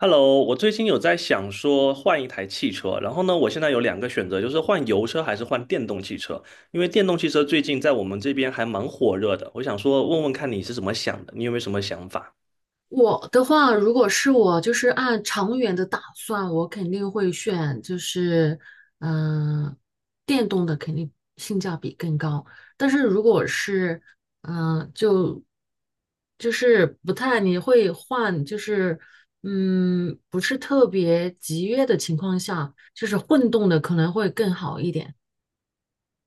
Hello，我最近有在想说换一台汽车，然后呢，我现在有两个选择，就是换油车还是换电动汽车。因为电动汽车最近在我们这边还蛮火热的，我想说问问看你是怎么想的，你有没有什么想法？我的话，如果是我，就是按长远的打算，我肯定会选，嗯、电动的肯定性价比更高。但是如果是，嗯、就就是不太，你会换，不是特别集约的情况下，就是混动的可能会更好一点。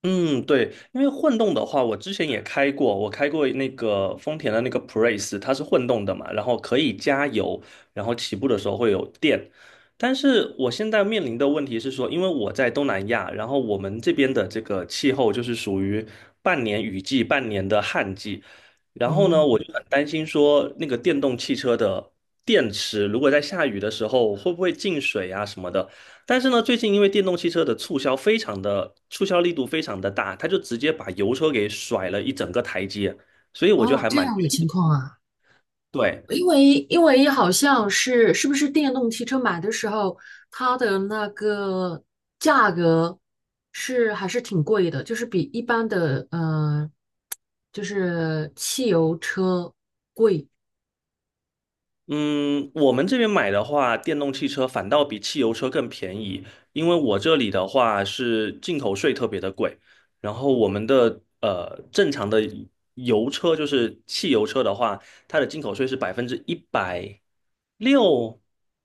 嗯，对，因为混动的话，我之前也开过，我开过那个丰田的那个普锐斯，它是混动的嘛，然后可以加油，然后起步的时候会有电。但是我现在面临的问题是说，因为我在东南亚，然后我们这边的这个气候就是属于半年雨季，半年的旱季，然后哦呢，我就很担心说那个电动汽车的电池如果在下雨的时候会不会进水啊什么的。但是呢，最近因为电动汽车的促销力度非常的大，它就直接把油车给甩了一整个台阶，所以我就哦，还这蛮。样的情况啊。对。因为好像是不是电动汽车买的时候，它的那个价格是还是挺贵的，就是比一般的就是汽油车。嗯，我们这边买的话，电动汽车反倒比汽油车更便宜，因为我这里的话是进口税特别的贵，然后我们的正常的油车就是汽油车的话，它的进口税是106%，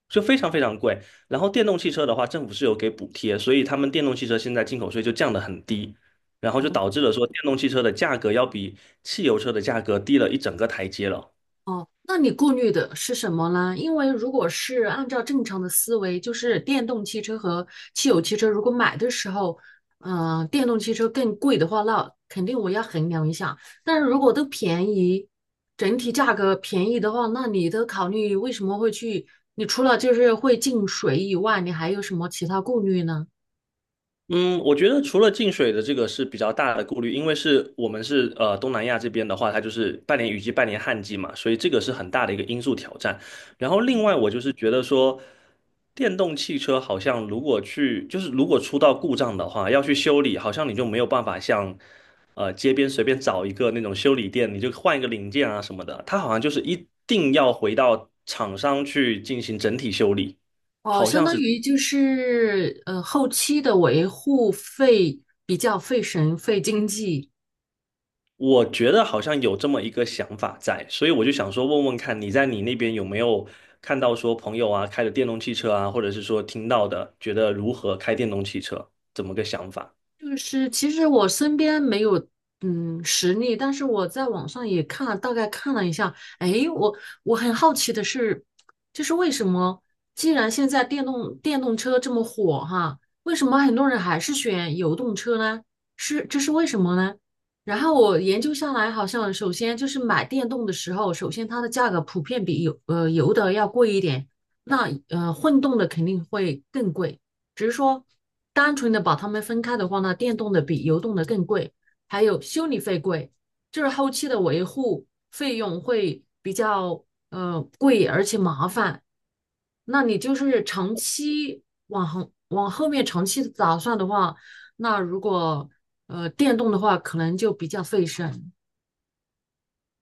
就非常非常贵。然后电动汽车的话，政府是有给补贴，所以他们电动汽车现在进口税就降得很低，然后就导致了说电动汽车的价格要比汽油车的价格低了一整个台阶了。哦，那你顾虑的是什么呢？因为如果是按照正常的思维，就是电动汽车和汽油汽车，如果买的时候，电动汽车更贵的话，那肯定我要衡量一下。但是如果都便宜，整体价格便宜的话，那你的考虑为什么会去？你除了就是会进水以外，你还有什么其他顾虑呢？嗯，我觉得除了进水的这个是比较大的顾虑，因为是我们是东南亚这边的话，它就是半年雨季、半年旱季嘛，所以这个是很大的一个因素挑战。然后另外我就是觉得说，电动汽车好像如果去就是如果出到故障的话，要去修理，好像你就没有办法像街边随便找一个那种修理店，你就换一个零件啊什么的，它好像就是一定要回到厂商去进行整体修理，哦，好相像当是。于就是后期的维护费比较费神费经济。我觉得好像有这么一个想法在，所以我就想说问问看，你在你那边有没有看到说朋友啊开的电动汽车啊，或者是说听到的，觉得如何开电动汽车，怎么个想法？就是其实我身边没有实例，但是我在网上也看了，大概看了一下。哎，我很好奇的是，就是为什么既然现在电动车这么火哈，为什么很多人还是选油动车呢？是这是为什么呢？然后我研究下来，好像首先就是买电动的时候，首先它的价格普遍比油的要贵一点，那混动的肯定会更贵。只是说单纯的把它们分开的话呢，电动的比油动的更贵，还有修理费贵，就是后期的维护费用会比较贵，而且麻烦。那你就是长期往后面长期的打算的话，那如果电动的话，可能就比较费神。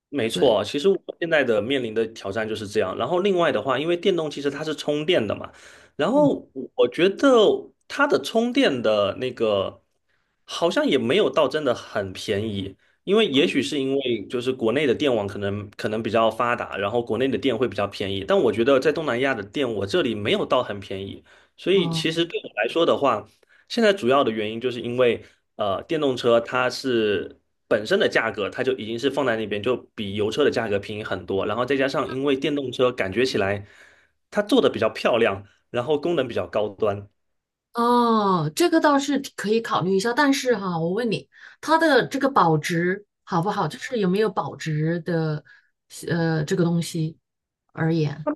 没对，错，其实我现在的面临的挑战就是这样。然后另外的话，因为电动汽车它是充电的嘛，然嗯，后我觉得它的充电的那个好像也没有到真的很便宜，因为也许是因为就是国内的电网可能比较发达，然后国内的电会比较便宜，但我觉得在东南亚的电我这里没有到很便宜，所以其哦、实对我来说的话，现在主要的原因就是因为电动车它是。本身的价格它就已经是放在那边，就比油车的价格便宜很多。然后再加上因为电动车感觉起来它做的比较漂亮，然后功能比较高端。哦，这个倒是可以考虑一下，但是哈，我问你，它的这个保值好不好？就是有没有保值的，这个东西而言，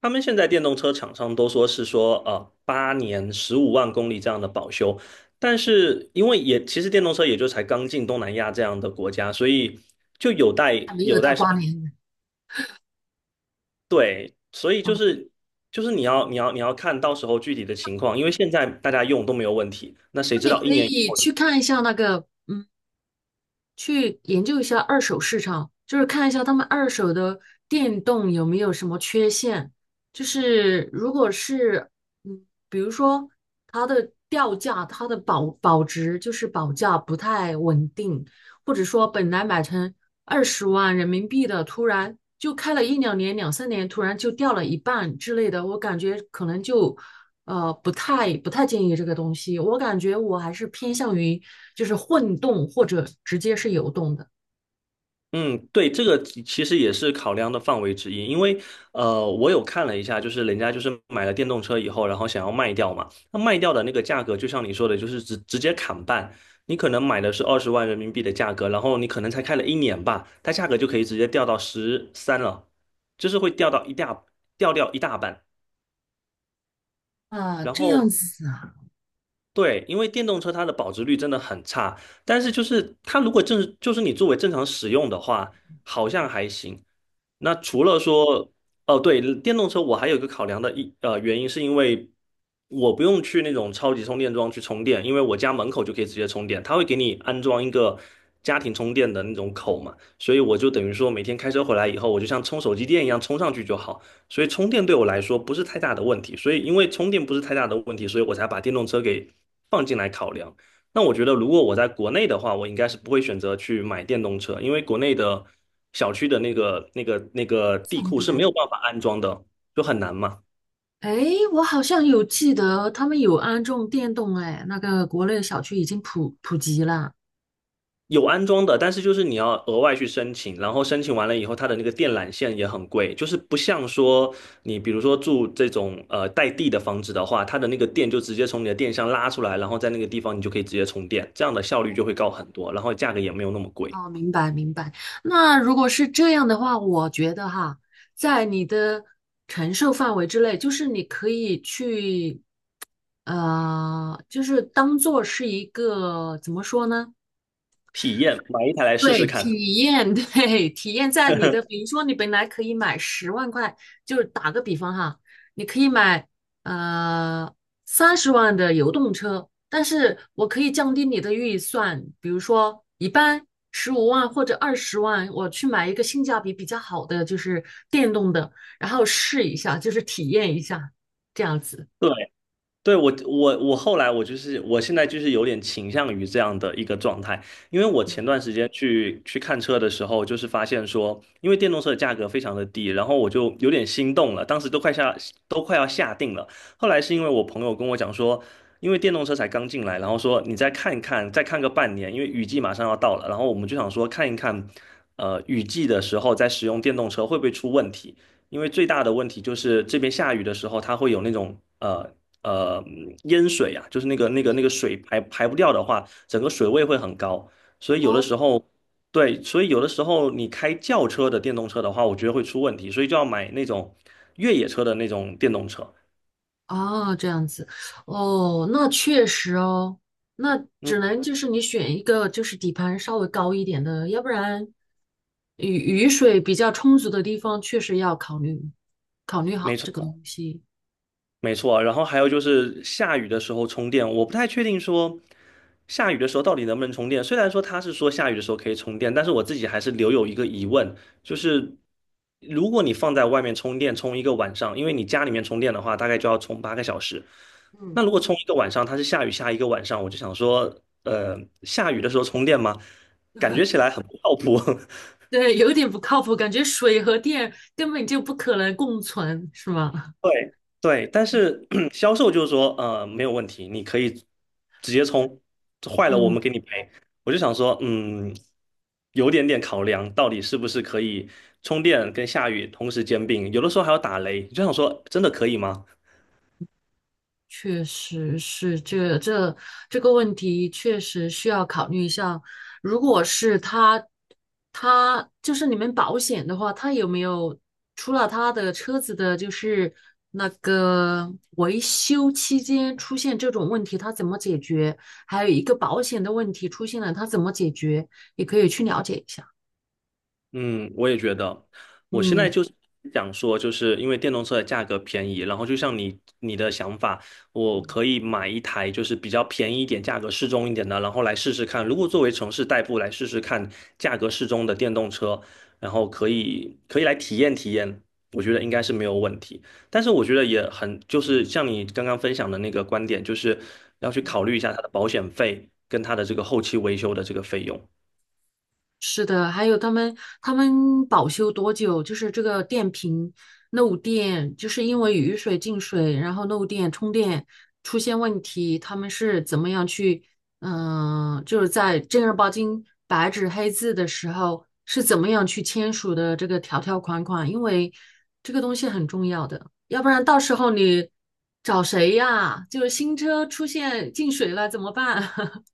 他们现在电动车厂商都说8年15万公里这样的保修，但是因为也其实电动车也就才刚进东南亚这样的国家，所以就有待还没有有到待8年。对，所以哦，就是你要看到时候具体的情况，因为现在大家用都没有问题，那谁知那你道一可年以以后？去看一下那个，嗯。去研究一下二手市场，就是看一下他们二手的电动有没有什么缺陷。就是如果是，比如说它的掉价、它的保值，就是保价不太稳定，或者说本来买成20万人民币的，突然就开了一两年、两三年，突然就掉了一半之类的，我感觉可能就不太建议这个东西。我感觉我还是偏向于就是混动或者直接是油动的。嗯，对，这个其实也是考量的范围之一，因为我有看了一下，就是人家就是买了电动车以后，然后想要卖掉嘛，那卖掉的那个价格，就像你说的，就是直接砍半，你可能买的是20万人民币的价格，然后你可能才开了一年吧，它价格就可以直接掉到13了，就是会掉到一大半，啊，然这后。样子啊，对，因为电动车它的保值率真的很差，但是就是它如果正就是你作为正常使用的话，好像还行。那除了说，哦，对，电动车我还有一个考量的原因，是因为我不用去那种超级充电桩去充电，因为我家门口就可以直接充电，它会给你安装一个家庭充电的那种口嘛，所以我就等于说每天开车回来以后，我就像充手机电一样充上去就好，所以充电对我来说不是太大的问题，所以因为充电不是太大的问题，所以我才把电动车给放进来考量。那我觉得，如果我在国内的话，我应该是不会选择去买电动车，因为国内的小区的那个地方库是没便。有办法安装的，就很难嘛。哎，我好像有记得他们有安种电动，哎，那个国内小区已经普及了。有安装的，但是就是你要额外去申请，然后申请完了以后，它的那个电缆线也很贵，就是不像说你比如说住这种带地的房子的话，它的那个电就直接从你的电箱拉出来，然后在那个地方你就可以直接充电，这样的效率就会高很多，然后价格也没有那么贵。哦，明白明白。那如果是这样的话，我觉得哈，在你的承受范围之内，就是你可以去就是当做是一个怎么说呢？体验，买一台来试对，试看。体验，对，体验在你的，比 如说你本来可以买10万块，就是打个比方哈，你可以买呃30万的油动车，但是我可以降低你的预算，比如说一般15万或者二十万，我去买一个性价比比较好的，就是电动的，然后试一下，就是体验一下，这样子。对。对，我后来我现在就是有点倾向于这样的一个状态，因为我前段时间去看车的时候，就是发现说，因为电动车的价格非常的低，然后我就有点心动了，当时都快下都快要下定了。后来是因为我朋友跟我讲说，因为电动车才刚进来，然后说你再看一看，再看个半年，因为雨季马上要到了，然后我们就想说看一看，雨季的时候再使用电动车会不会出问题。因为最大的问题就是这边下雨的时候，它会有那种呃淹水啊，就是那个水排不掉的话，整个水位会很高。所以有的哦。时候，对，所以有的时候你开轿车的电动车的话，我觉得会出问题，所以就要买那种越野车的那种电动车。哦，这样子，哦，那确实哦，那嗯，只能就是你选一个就是底盘稍微高一点的，要不然雨雨水比较充足的地方，确实要考虑考虑没好这个错。东西。没错啊，然后还有就是下雨的时候充电，我不太确定说下雨的时候到底能不能充电。虽然说他是说下雨的时候可以充电，但是我自己还是留有一个疑问，就是如果你放在外面充电充一个晚上，因为你家里面充电的话，大概就要充8个小时。嗯，那如果充一个晚上，它是下雨下一个晚上，我就想说，呃，下雨的时候充电吗？感觉起来很不靠谱。对，有点不靠谱，感觉水和电根本就不可能共存，是吗？对对，但是 销售就是说，没有问题，你可以直接充，坏了我嗯。们给你赔。我就想说，有点点考量，到底是不是可以充电跟下雨同时兼并，有的时候还要打雷，就想说，真的可以吗？确实是这这个问题，确实需要考虑一下。如果是他，他就是你们保险的话，他有没有除了他的车子的，就是那个维修期间出现这种问题，他怎么解决？还有一个保险的问题出现了，他怎么解决？也可以去了解一下。嗯，我也觉得，我现在嗯。就是想说，就是因为电动车的价格便宜，然后就像你的想法，我可以买一台就是比较便宜一点、价格适中一点的，然后来试试看。如果作为城市代步来试试看，价格适中的电动车，然后可以来体验体验，我觉得应该是没有问题。但是我觉得也很，就是像你刚刚分享的那个观点，就是要去考虑一下它的保险费跟它的这个后期维修的这个费用。是的，还有他们保修多久？就是这个电瓶漏电，就是因为雨水进水，然后漏电充电出现问题，他们是怎么样去，就是在正儿八经白纸黑字的时候是怎么样去签署的这个条条款款？因为这个东西很重要的，要不然到时候你找谁呀？就是新车出现进水了怎么办？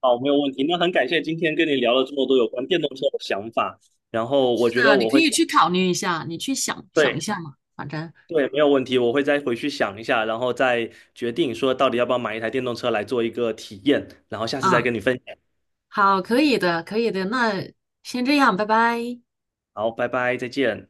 好，没有问题。那很感谢今天跟你聊了这么多有关电动车的想法，然后我是觉得的，你我可会，以去考虑一下，你去想想一对下嘛，反正，对，没有问题，我会再回去想一下，然后再决定说到底要不要买一台电动车来做一个体验，然后下次再嗯，跟你分享。好，可以的，可以的，那先这样，拜拜。好，拜拜，再见。